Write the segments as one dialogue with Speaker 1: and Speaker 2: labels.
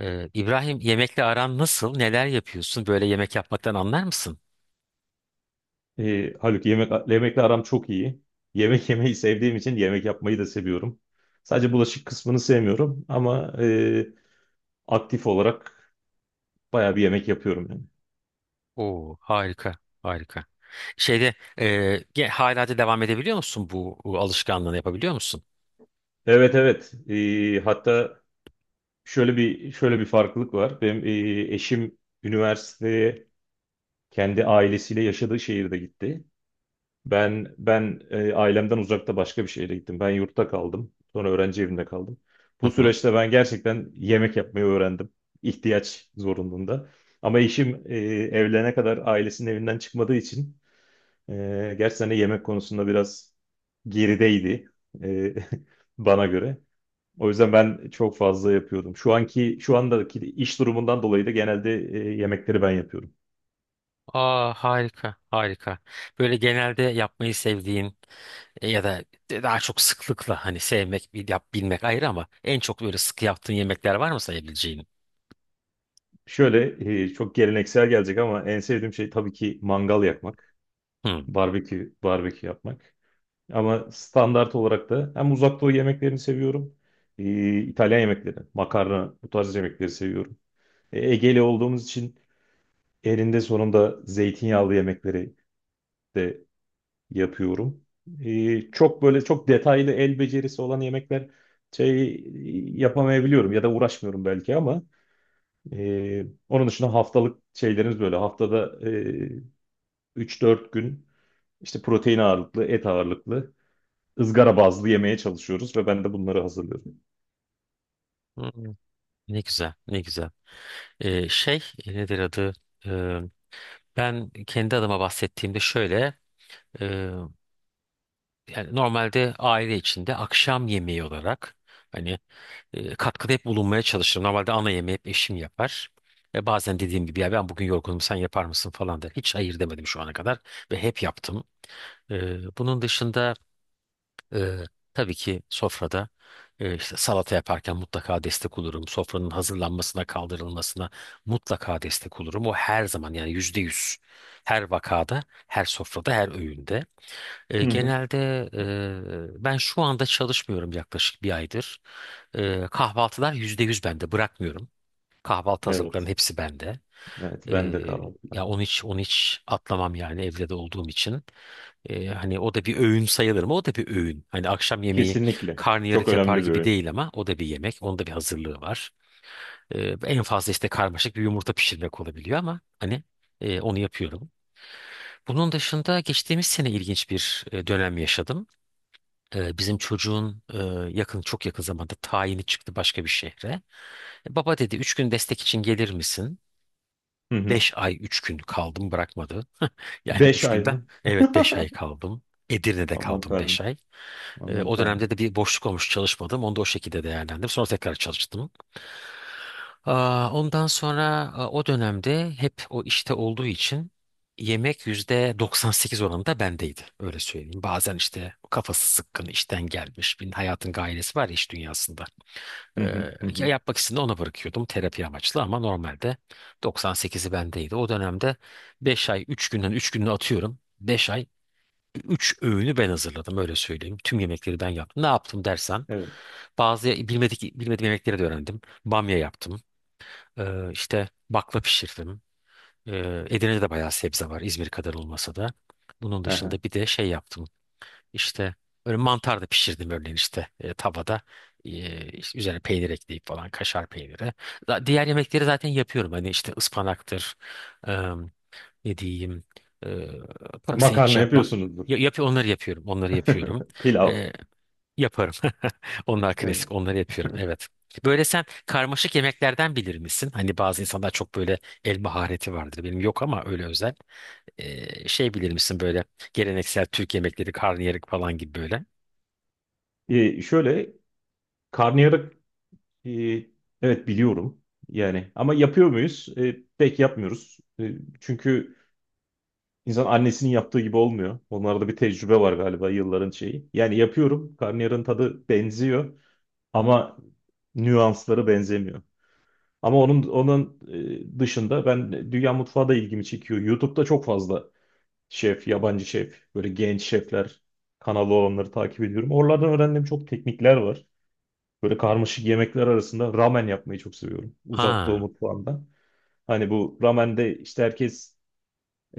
Speaker 1: İbrahim yemekle aran nasıl? Neler yapıyorsun? Böyle yemek yapmaktan anlar mısın?
Speaker 2: Haluk, yemekle aram çok iyi. Yemek yemeyi sevdiğim için yemek yapmayı da seviyorum. Sadece bulaşık kısmını sevmiyorum ama aktif olarak bayağı bir yemek yapıyorum yani.
Speaker 1: Oo, harika, harika. Şeyde hala da devam edebiliyor musun bu alışkanlığını yapabiliyor musun?
Speaker 2: Evet, evet. Hatta şöyle bir farklılık var. Benim eşim üniversiteye kendi ailesiyle yaşadığı şehirde gitti. Ben ailemden uzakta başka bir şehre gittim. Ben yurtta kaldım. Sonra öğrenci evinde kaldım.
Speaker 1: Hı
Speaker 2: Bu
Speaker 1: hı.
Speaker 2: süreçte ben gerçekten yemek yapmayı öğrendim. İhtiyaç zorunluluğunda. Ama eşim, evlenene kadar ailesinin evinden çıkmadığı için, gerçekten de yemek konusunda biraz gerideydi, e, bana göre. O yüzden ben çok fazla yapıyordum. Şu andaki iş durumundan dolayı da genelde yemekleri ben yapıyorum.
Speaker 1: Aa, harika, harika. Böyle genelde yapmayı sevdiğin ya da daha çok sıklıkla hani sevmek, bilmek ayrı ama en çok böyle sık yaptığın yemekler var mı sayabileceğin?
Speaker 2: Şöyle, çok geleneksel gelecek ama en sevdiğim şey tabii ki mangal yakmak.
Speaker 1: Hı.
Speaker 2: Barbekü yapmak. Ama standart olarak da hem Uzak Doğu yemeklerini seviyorum. İtalyan yemekleri, makarna, bu tarz yemekleri seviyorum. Egeli olduğumuz için elinde sonunda zeytinyağlı yemekleri de yapıyorum. Çok böyle çok detaylı el becerisi olan yemekler şey yapamayabiliyorum ya da uğraşmıyorum belki ama, onun dışında haftalık şeylerimiz böyle, haftada 3-4 gün işte protein ağırlıklı, et ağırlıklı, ızgara bazlı yemeye çalışıyoruz ve ben de bunları hazırlıyorum.
Speaker 1: Hı. Ne güzel, ne güzel. Nedir adı? Ben kendi adıma bahsettiğimde şöyle, e, yani normalde aile içinde akşam yemeği olarak hani katkıda hep bulunmaya çalışırım. Normalde ana yemeği hep eşim yapar. Bazen dediğim gibi ya ben bugün yorgunum sen yapar mısın falan der. Hiç hayır demedim şu ana kadar ve hep yaptım. Bunun dışında ee, tabii ki sofrada işte salata yaparken mutlaka destek olurum. Sofranın hazırlanmasına, kaldırılmasına mutlaka destek olurum. O her zaman yani %100. Her vakada, her sofrada, her öğünde.
Speaker 2: Hı hı.
Speaker 1: Genelde ben şu anda çalışmıyorum yaklaşık bir aydır. Kahvaltılar %100 bende bırakmıyorum. Kahvaltı hazırlıklarının
Speaker 2: Evet,
Speaker 1: hepsi bende.
Speaker 2: evet, ben de
Speaker 1: Ee, Ya
Speaker 2: kahvaltılarda.
Speaker 1: onu hiç onu hiç atlamam yani evde de olduğum için. Hani o da bir öğün sayılır mı? O da bir öğün. Hani akşam yemeği
Speaker 2: Kesinlikle. Çok
Speaker 1: karnıyarık yapar
Speaker 2: önemli bir
Speaker 1: gibi
Speaker 2: öğün.
Speaker 1: değil ama o da bir yemek. Onun da bir hazırlığı var. En fazla işte karmaşık bir yumurta pişirmek olabiliyor ama hani onu yapıyorum. Bunun dışında geçtiğimiz sene ilginç bir dönem yaşadım. Bizim çocuğun yakın çok yakın zamanda tayini çıktı başka bir şehre. Baba dedi 3 gün destek için gelir misin?
Speaker 2: Hı hı.
Speaker 1: 5 ay 3 gün kaldım bırakmadı. Yani
Speaker 2: Beş
Speaker 1: üç
Speaker 2: ay
Speaker 1: günde
Speaker 2: mı?
Speaker 1: evet, 5 ay kaldım. Edirne'de
Speaker 2: Aman
Speaker 1: kaldım 5
Speaker 2: tanrım.
Speaker 1: ay.
Speaker 2: Aman
Speaker 1: O
Speaker 2: tanrım.
Speaker 1: dönemde de bir boşluk olmuş çalışmadım. Onu da o şekilde değerlendirdim. Sonra tekrar çalıştım. Aa, ondan sonra o dönemde hep o işte olduğu için yemek %98 oranında bendeydi. Öyle söyleyeyim. Bazen işte kafası sıkkın işten gelmiş. Bir hayatın gailesi var ya iş dünyasında. Ee,
Speaker 2: Hı hı, hı
Speaker 1: Ya
Speaker 2: hı.
Speaker 1: yapmak istediğimde ona bırakıyordum terapi amaçlı ama normalde 98'i bendeydi. O dönemde 5 ay 3 günden 3 gününü atıyorum. 5 ay 3 öğünü ben hazırladım öyle söyleyeyim. Tüm yemekleri ben yaptım. Ne yaptım dersen
Speaker 2: Evet.
Speaker 1: bazı bilmediğim yemekleri de öğrendim. Bamya yaptım. İşte bakla pişirdim. Edirne'de de bayağı sebze var, İzmir kadar olmasa da. Bunun
Speaker 2: Aha.
Speaker 1: dışında bir de şey yaptım. İşte öyle mantar da pişirdim örneğin işte tavada. İşte üzerine peynir ekleyip falan, kaşar peyniri. Diğer yemekleri zaten yapıyorum. Hani işte ıspanaktır. e, Ne diyeyim? E, Pırasa hiç
Speaker 2: Makarna
Speaker 1: yapmam.
Speaker 2: yapıyorsunuzdur.
Speaker 1: Ya, yap, onları yapıyorum. Onları yapıyorum.
Speaker 2: Pilav.
Speaker 1: E, Yaparım. Onlar
Speaker 2: Evet.
Speaker 1: klasik. Onları yapıyorum. Evet. Böyle sen karmaşık yemeklerden bilir misin? Hani bazı insanlar çok böyle el mahareti vardır. Benim yok ama öyle özel. Şey bilir misin böyle geleneksel Türk yemekleri, karnıyarık falan gibi böyle.
Speaker 2: Şöyle karnıyarık, e, evet biliyorum yani, ama yapıyor muyuz? Pek yapmıyoruz. Çünkü İnsan annesinin yaptığı gibi olmuyor. Onlarda bir tecrübe var galiba, yılların şeyi. Yani yapıyorum. Karnıyarın tadı benziyor ama nüansları benzemiyor. Ama onun dışında, ben dünya mutfağı da ilgimi çekiyor. YouTube'da çok fazla şef, yabancı şef, böyle genç şefler kanalı olanları takip ediyorum. Oralardan öğrendiğim çok teknikler var. Böyle karmaşık yemekler arasında ramen yapmayı çok seviyorum. Uzak Doğu
Speaker 1: Ha.
Speaker 2: mutfağından. Hani bu ramende işte herkes,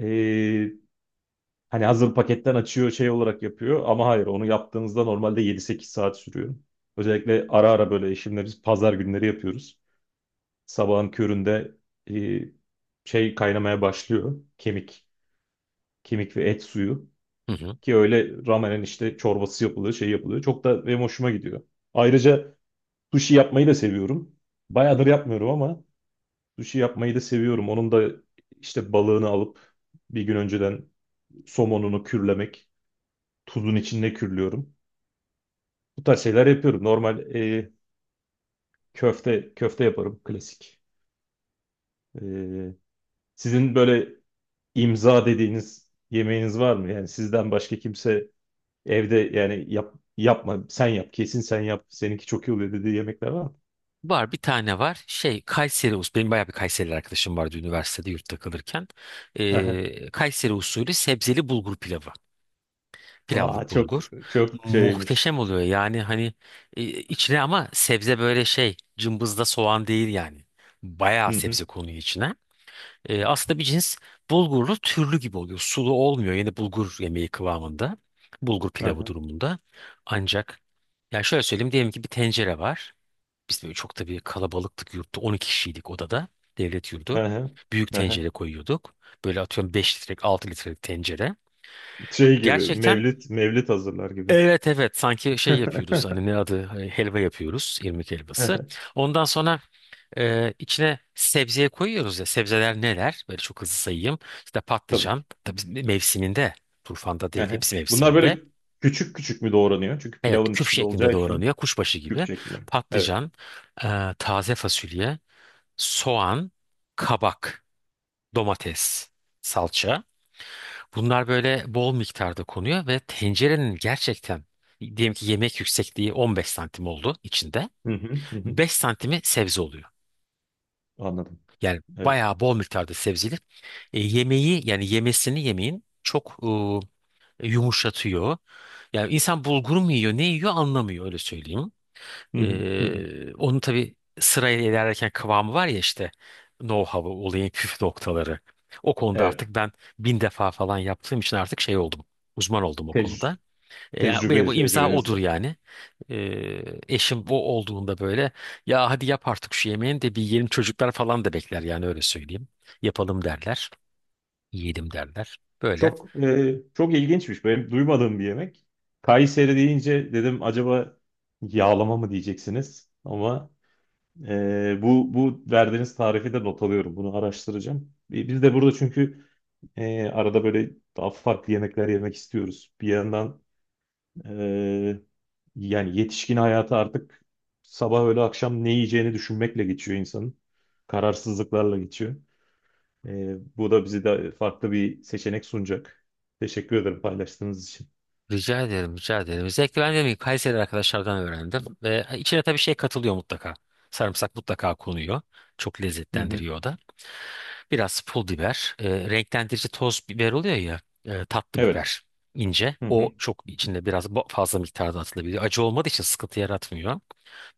Speaker 2: e, Hani hazır paketten açıyor, şey olarak yapıyor, ama hayır, onu yaptığınızda normalde 7-8 saat sürüyor. Özellikle ara ara böyle eşimle biz pazar günleri yapıyoruz. Sabahın köründe e, kaynamaya başlıyor kemik. Kemik ve et suyu,
Speaker 1: Hı hı.
Speaker 2: ki öyle ramenin işte çorbası yapılıyor, yapılıyor. Çok da benim hoşuma gidiyor. Ayrıca sushi yapmayı da seviyorum. Bayağıdır yapmıyorum ama sushi yapmayı da seviyorum. Onun da işte balığını alıp, bir gün önceden somonunu kürlemek. Tuzun içinde kürlüyorum. Bu tarz şeyler yapıyorum. Normal, köfte köfte yaparım klasik. E, Sizin böyle imza dediğiniz yemeğiniz var mı? Yani sizden başka kimse evde, yani yapma sen yap, kesin sen yap, seninki çok iyi oluyor dediği yemekler var mı?
Speaker 1: Var, bir tane var. Şey, Kayseri usulü. Benim bayağı bir Kayserili arkadaşım vardı üniversitede yurtta kalırken.
Speaker 2: Aha.
Speaker 1: Kayseri usulü sebzeli bulgur pilavı.
Speaker 2: Aa,
Speaker 1: Pilavlık
Speaker 2: çok
Speaker 1: bulgur.
Speaker 2: çok şeymiş.
Speaker 1: Muhteşem oluyor. Yani hani içine ama sebze, böyle şey cımbızda soğan değil yani.
Speaker 2: Hı
Speaker 1: Bayağı
Speaker 2: hı.
Speaker 1: sebze konuyor içine. Aslında bir cins bulgurlu türlü gibi oluyor. Sulu olmuyor. Yine bulgur yemeği kıvamında. Bulgur pilavı
Speaker 2: Aha.
Speaker 1: durumunda. Ancak ya şöyle söyleyeyim, diyelim ki bir tencere var. Biz böyle çok tabii kalabalıktık yurtta. 12 kişiydik odada. Devlet yurdu.
Speaker 2: Aha.
Speaker 1: Büyük
Speaker 2: Aha.
Speaker 1: tencere koyuyorduk. Böyle atıyorum 5 litrelik, 6 litrelik tencere.
Speaker 2: Şey gibi
Speaker 1: Gerçekten.
Speaker 2: Mevlit mevlit hazırlar gibi.
Speaker 1: Evet, evet, sanki şey yapıyoruz, hani ne adı, helva yapıyoruz, irmik helvası.
Speaker 2: Aha.
Speaker 1: Ondan sonra içine sebzeye koyuyoruz ya, sebzeler neler böyle çok hızlı sayayım. İşte
Speaker 2: Tabii ki.
Speaker 1: patlıcan, tabii mevsiminde, turfanda değil
Speaker 2: Aha.
Speaker 1: hepsi
Speaker 2: Bunlar
Speaker 1: mevsiminde.
Speaker 2: böyle küçük küçük mü doğranıyor? Çünkü
Speaker 1: Evet,
Speaker 2: pilavın
Speaker 1: küp
Speaker 2: içinde olacağı
Speaker 1: şeklinde
Speaker 2: için
Speaker 1: doğranıyor, kuşbaşı
Speaker 2: küp
Speaker 1: gibi.
Speaker 2: şeklinde. Evet.
Speaker 1: Patlıcan, taze fasulye, soğan, kabak, domates, salça. Bunlar böyle bol miktarda konuyor ve tencerenin gerçekten, diyelim ki yemek yüksekliği 15 santim oldu içinde.
Speaker 2: Hı hı, hı hı.
Speaker 1: 5 santimi sebze oluyor.
Speaker 2: Anladım.
Speaker 1: Yani
Speaker 2: Evet.
Speaker 1: bayağı bol miktarda sebzeli. Yemeği yani yemesini, yemeğin çok yumuşatıyor. Yani insan bulgur mu yiyor ne yiyor anlamıyor, öyle söyleyeyim.
Speaker 2: Hı hı, hı hı.
Speaker 1: Onun tabii sırayla ilerlerken kıvamı var ya, işte know-how'ı, olayın püf noktaları. O konuda
Speaker 2: Evet.
Speaker 1: artık ben bin defa falan yaptığım için artık şey oldum. Uzman oldum o
Speaker 2: Tec-
Speaker 1: konuda. Yani benim o imza
Speaker 2: Tecrübeniz
Speaker 1: odur
Speaker 2: var.
Speaker 1: yani. E, Eşim o olduğunda böyle, ya hadi yap artık şu yemeğini de bir yiyelim, çocuklar falan da bekler yani, öyle söyleyeyim. Yapalım derler. Yiyelim derler. Böyle.
Speaker 2: Çok ilginçmiş. Benim duymadığım bir yemek. Kayseri deyince dedim, acaba yağlama mı diyeceksiniz? Ama, bu verdiğiniz tarifi de not alıyorum. Bunu araştıracağım. Biz de burada çünkü, arada böyle daha farklı yemekler yemek istiyoruz. Bir yandan, e, Yani yetişkin hayatı artık sabah öğle akşam ne yiyeceğini düşünmekle geçiyor insanın. Kararsızlıklarla geçiyor. Bu da bizi de farklı bir seçenek sunacak. Teşekkür ederim paylaştığınız için.
Speaker 1: Rica ederim, rica ederim. Özellikle ben dedim ki Kayseri arkadaşlardan öğrendim. Ve içine tabii şey katılıyor mutlaka. Sarımsak mutlaka konuyor. Çok
Speaker 2: Hı hı.
Speaker 1: lezzetlendiriyor o da. Biraz pul biber. Renklendirici toz biber oluyor ya. Tatlı
Speaker 2: Evet.
Speaker 1: biber, ince.
Speaker 2: Hı hı.
Speaker 1: O çok içinde biraz fazla miktarda atılabiliyor. Acı olmadığı için sıkıntı yaratmıyor.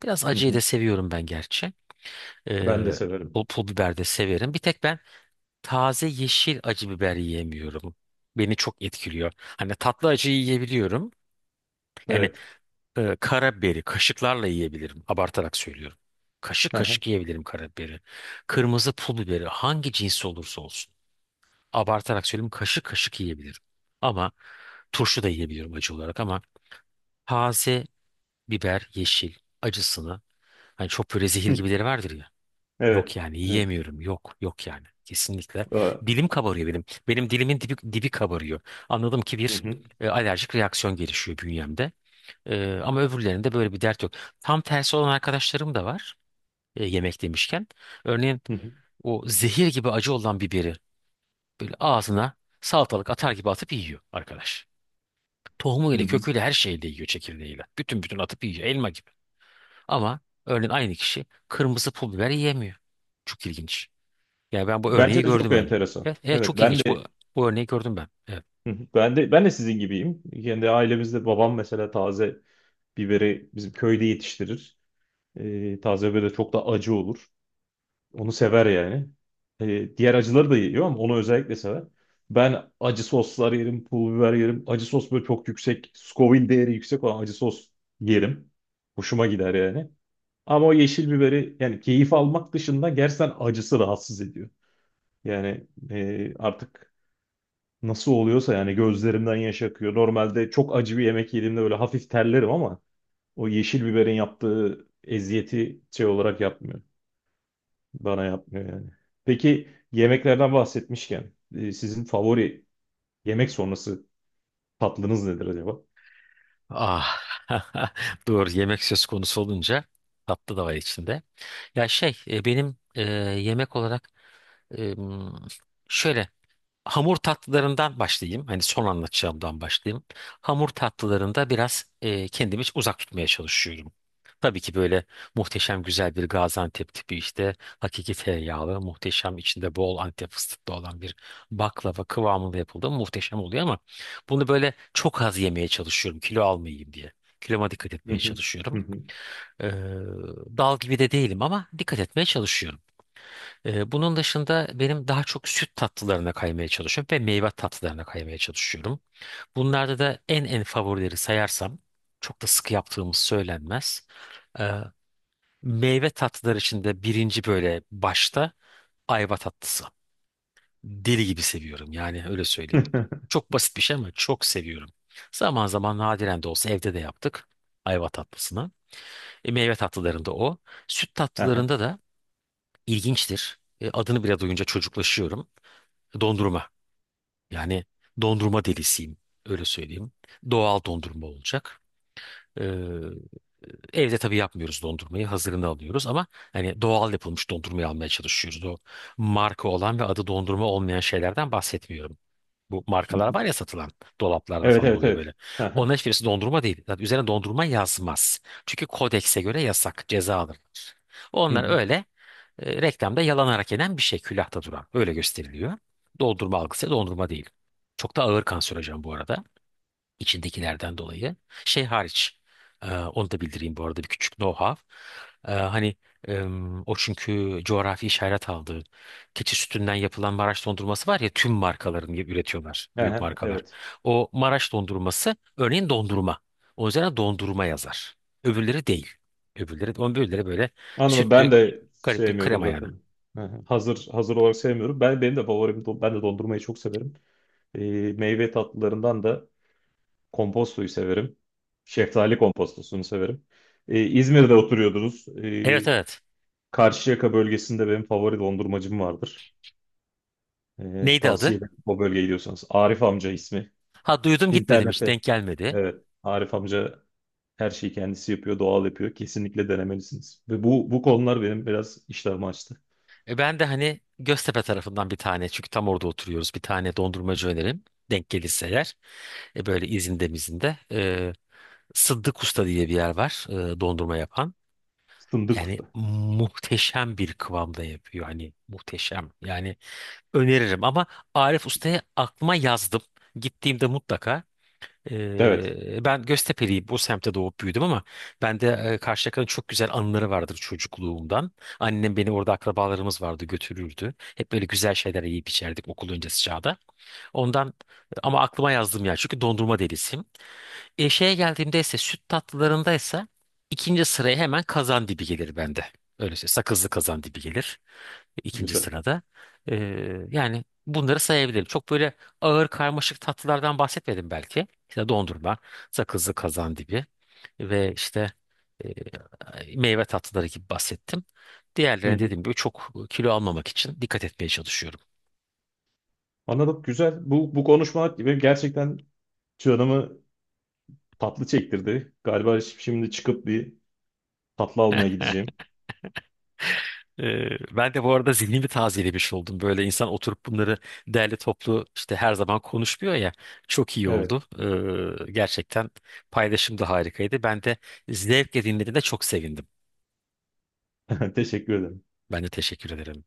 Speaker 1: Biraz
Speaker 2: Hı
Speaker 1: acıyı
Speaker 2: hı.
Speaker 1: da seviyorum ben gerçi.
Speaker 2: Ben de
Speaker 1: Ee,
Speaker 2: severim.
Speaker 1: pul biber de severim. Bir tek ben taze yeşil acı biber yiyemiyorum. Beni çok etkiliyor. Hani tatlı acıyı yiyebiliyorum. Yani
Speaker 2: Evet.
Speaker 1: karabiberi kaşıklarla yiyebilirim. Abartarak söylüyorum. Kaşık
Speaker 2: Hı hı.
Speaker 1: kaşık yiyebilirim karabiberi. Kırmızı pul biberi hangi cinsi olursa olsun. Abartarak söyleyeyim, kaşık kaşık yiyebilirim. Ama turşu da yiyebiliyorum acı olarak, ama taze biber, yeşil acısını, hani çok böyle zehir
Speaker 2: Hı.
Speaker 1: gibileri vardır ya. Yok
Speaker 2: Evet.
Speaker 1: yani
Speaker 2: Evet.
Speaker 1: yiyemiyorum. Yok yok yani. Kesinlikle.
Speaker 2: Aa.
Speaker 1: Dilim kabarıyor benim. Benim dilimin dibi, dibi kabarıyor. Anladım ki
Speaker 2: Hı
Speaker 1: bir
Speaker 2: hı.
Speaker 1: alerjik reaksiyon gelişiyor bünyemde. Ama öbürlerinde böyle bir dert yok. Tam tersi olan arkadaşlarım da var. Yemek demişken. Örneğin
Speaker 2: Hı hı.
Speaker 1: o zehir gibi acı olan biberi böyle ağzına salatalık atar gibi atıp yiyor arkadaş.
Speaker 2: Hı
Speaker 1: Tohumuyla,
Speaker 2: hı.
Speaker 1: köküyle, her şeyle yiyor, çekirdeğiyle. Bütün bütün atıp yiyor, elma gibi. Ama örneğin aynı kişi kırmızı pul biber yiyemiyor. Çok ilginç. Ya ben bu örneği
Speaker 2: Bence de çok
Speaker 1: gördüm öyle.
Speaker 2: enteresan.
Speaker 1: Evet, evet,
Speaker 2: Evet,
Speaker 1: çok
Speaker 2: ben
Speaker 1: ilginç.
Speaker 2: de
Speaker 1: Bu örneği gördüm ben. Evet.
Speaker 2: hı hı. Ben de sizin gibiyim. Kendi ailemizde babam mesela taze biberi bizim köyde yetiştirir. Taze böyle çok da acı olur. Onu sever yani. Diğer acıları da yiyor ama onu özellikle sever. Ben acı soslar yerim, pul biber yerim. Acı sos böyle çok yüksek, Scoville değeri yüksek olan acı sos yerim. Hoşuma gider yani. Ama o yeşil biberi, yani keyif almak dışında gerçekten acısı rahatsız ediyor. Yani, artık nasıl oluyorsa yani, gözlerimden yaş akıyor. Normalde çok acı bir yemek yediğimde böyle hafif terlerim ama o yeşil biberin yaptığı eziyeti şey olarak yapmıyor. Bana yapmıyor yani. Peki yemeklerden bahsetmişken, sizin favori yemek sonrası tatlınız nedir acaba?
Speaker 1: Ah. Doğru. Yemek söz konusu olunca tatlı da var içinde. Ya şey benim yemek olarak e, m, şöyle hamur tatlılarından başlayayım. Hani son anlatacağımdan başlayayım. Hamur tatlılarında biraz kendimi uzak tutmaya çalışıyorum. Tabii ki böyle muhteşem güzel bir Gaziantep tipi işte hakiki tereyağlı, muhteşem içinde bol Antep fıstıklı olan bir baklava kıvamında yapıldığı muhteşem oluyor ama bunu böyle çok az yemeye çalışıyorum, kilo almayayım diye. Kiloma dikkat
Speaker 2: Hı
Speaker 1: etmeye
Speaker 2: hı. Hı
Speaker 1: çalışıyorum.
Speaker 2: hı.
Speaker 1: Ee, Dal gibi de değilim ama dikkat etmeye çalışıyorum. Bunun dışında benim daha çok süt tatlılarına kaymaya çalışıyorum ve meyve tatlılarına kaymaya çalışıyorum. Bunlarda da en favorileri sayarsam, çok da sık yaptığımız söylenmez. Ee, Meyve tatlıları içinde birinci, böyle başta, ayva tatlısı. Deli gibi seviyorum yani, öyle söyleyeyim. Çok basit bir şey ama çok seviyorum. Zaman zaman, nadiren de olsa, evde de yaptık ayva tatlısını. Meyve tatlılarında o. Süt
Speaker 2: Aha.
Speaker 1: tatlılarında da ilginçtir. Adını bile duyunca çocuklaşıyorum. Dondurma. Yani dondurma delisiyim. Öyle söyleyeyim. Doğal dondurma olacak. Ee, Evde tabii yapmıyoruz dondurmayı. Hazırını alıyoruz ama hani doğal yapılmış dondurmayı almaya çalışıyoruz. O marka olan ve adı dondurma olmayan şeylerden bahsetmiyorum. Bu
Speaker 2: Hı
Speaker 1: markalar
Speaker 2: hı.
Speaker 1: var ya satılan, dolaplarda
Speaker 2: Evet,
Speaker 1: falan
Speaker 2: evet,
Speaker 1: oluyor böyle.
Speaker 2: evet. Aha.
Speaker 1: Onların hiçbirisi dondurma değil. Zaten üzerine dondurma yazmaz. Çünkü kodekse göre yasak, ceza alır.
Speaker 2: Hı
Speaker 1: Onlar
Speaker 2: hı.
Speaker 1: öyle reklamda yalanarak yenen bir şey külahta duran. Öyle gösteriliyor. Dondurma algısı dondurma değil. Çok da ağır kanserojen bu arada, içindekilerden dolayı. Şey hariç. Onu da bildireyim bu arada, bir küçük know-how. E, hani O, çünkü coğrafi işaret aldığı keçi sütünden yapılan Maraş dondurması var ya, tüm markaların üretiyorlar. Büyük
Speaker 2: Aha.
Speaker 1: markalar.
Speaker 2: Evet.
Speaker 1: O Maraş dondurması örneğin dondurma. O üzerine dondurma yazar. Öbürleri değil. Öbürleri, öbürleri böyle
Speaker 2: Anladım.
Speaker 1: sütlü,
Speaker 2: Ben de
Speaker 1: garip bir
Speaker 2: sevmiyorum
Speaker 1: krema yani.
Speaker 2: zaten. Aha. Hazır hazır olarak sevmiyorum. Benim de favorim, ben de dondurmayı çok severim. Meyve tatlılarından da kompostoyu severim. Şeftali kompostosunu severim. İzmir'de oturuyordunuz.
Speaker 1: Evet, evet.
Speaker 2: Karşıyaka bölgesinde benim favori dondurmacım vardır.
Speaker 1: Neydi adı?
Speaker 2: Tavsiye ederim o bölgeye gidiyorsanız. Arif Amca ismi.
Speaker 1: Ha, duydum, gitmedim, hiç
Speaker 2: İnternette.
Speaker 1: denk gelmedi.
Speaker 2: Evet. Arif Amca her şeyi kendisi yapıyor, doğal yapıyor. Kesinlikle denemelisiniz. Ve bu konular benim biraz iştahımı açtı.
Speaker 1: Ben de hani Göztepe tarafından bir tane, çünkü tam orada oturuyoruz, bir tane dondurmacı önerim. Denk gelirse eğer böyle izinde mizinde. Sıddık Usta diye bir yer var dondurma yapan.
Speaker 2: Fındık
Speaker 1: Yani
Speaker 2: Usta.
Speaker 1: muhteşem bir kıvamda yapıyor hani, muhteşem. Yani öneririm. Ama Arif Usta'ya aklıma yazdım. Gittiğimde mutlaka.
Speaker 2: Evet.
Speaker 1: Ben Göztepe'liyim. Bu semtte doğup büyüdüm ama bende Karşıyaka'nın çok güzel anıları vardır çocukluğumdan. Annem beni orada, akrabalarımız vardı, götürürdü. Hep böyle güzel şeyler yiyip içerdik okul öncesi çağda. Ondan. Ama aklıma yazdım ya, çünkü dondurma delisiyim. Şeye geldiğimde ise, süt tatlılarındaysa, ikinci sıraya hemen kazandibi gelir bende. Öyle şey sakızlı kazandibi gelir ikinci
Speaker 2: Güzel.
Speaker 1: sırada. Ee, Yani bunları sayabilirim. Çok böyle ağır karmaşık tatlılardan bahsetmedim belki. İşte dondurma, sakızlı kazandibi ve işte meyve tatlıları gibi bahsettim.
Speaker 2: Hı
Speaker 1: Diğerlerine
Speaker 2: hı.
Speaker 1: dediğim gibi çok kilo almamak için dikkat etmeye çalışıyorum.
Speaker 2: Anladım. Güzel. Bu konuşma benim gerçekten canımı tatlı çektirdi. Galiba şimdi çıkıp bir tatlı almaya gideceğim.
Speaker 1: Ee, Ben de bu arada zihnimi tazelemiş oldum. Böyle insan oturup bunları derli toplu işte her zaman konuşmuyor ya. Çok iyi
Speaker 2: Evet.
Speaker 1: oldu. Gerçekten paylaşım da harikaydı. Ben de zevkle dinlediğinde çok sevindim.
Speaker 2: Teşekkür ederim.
Speaker 1: Ben de teşekkür ederim.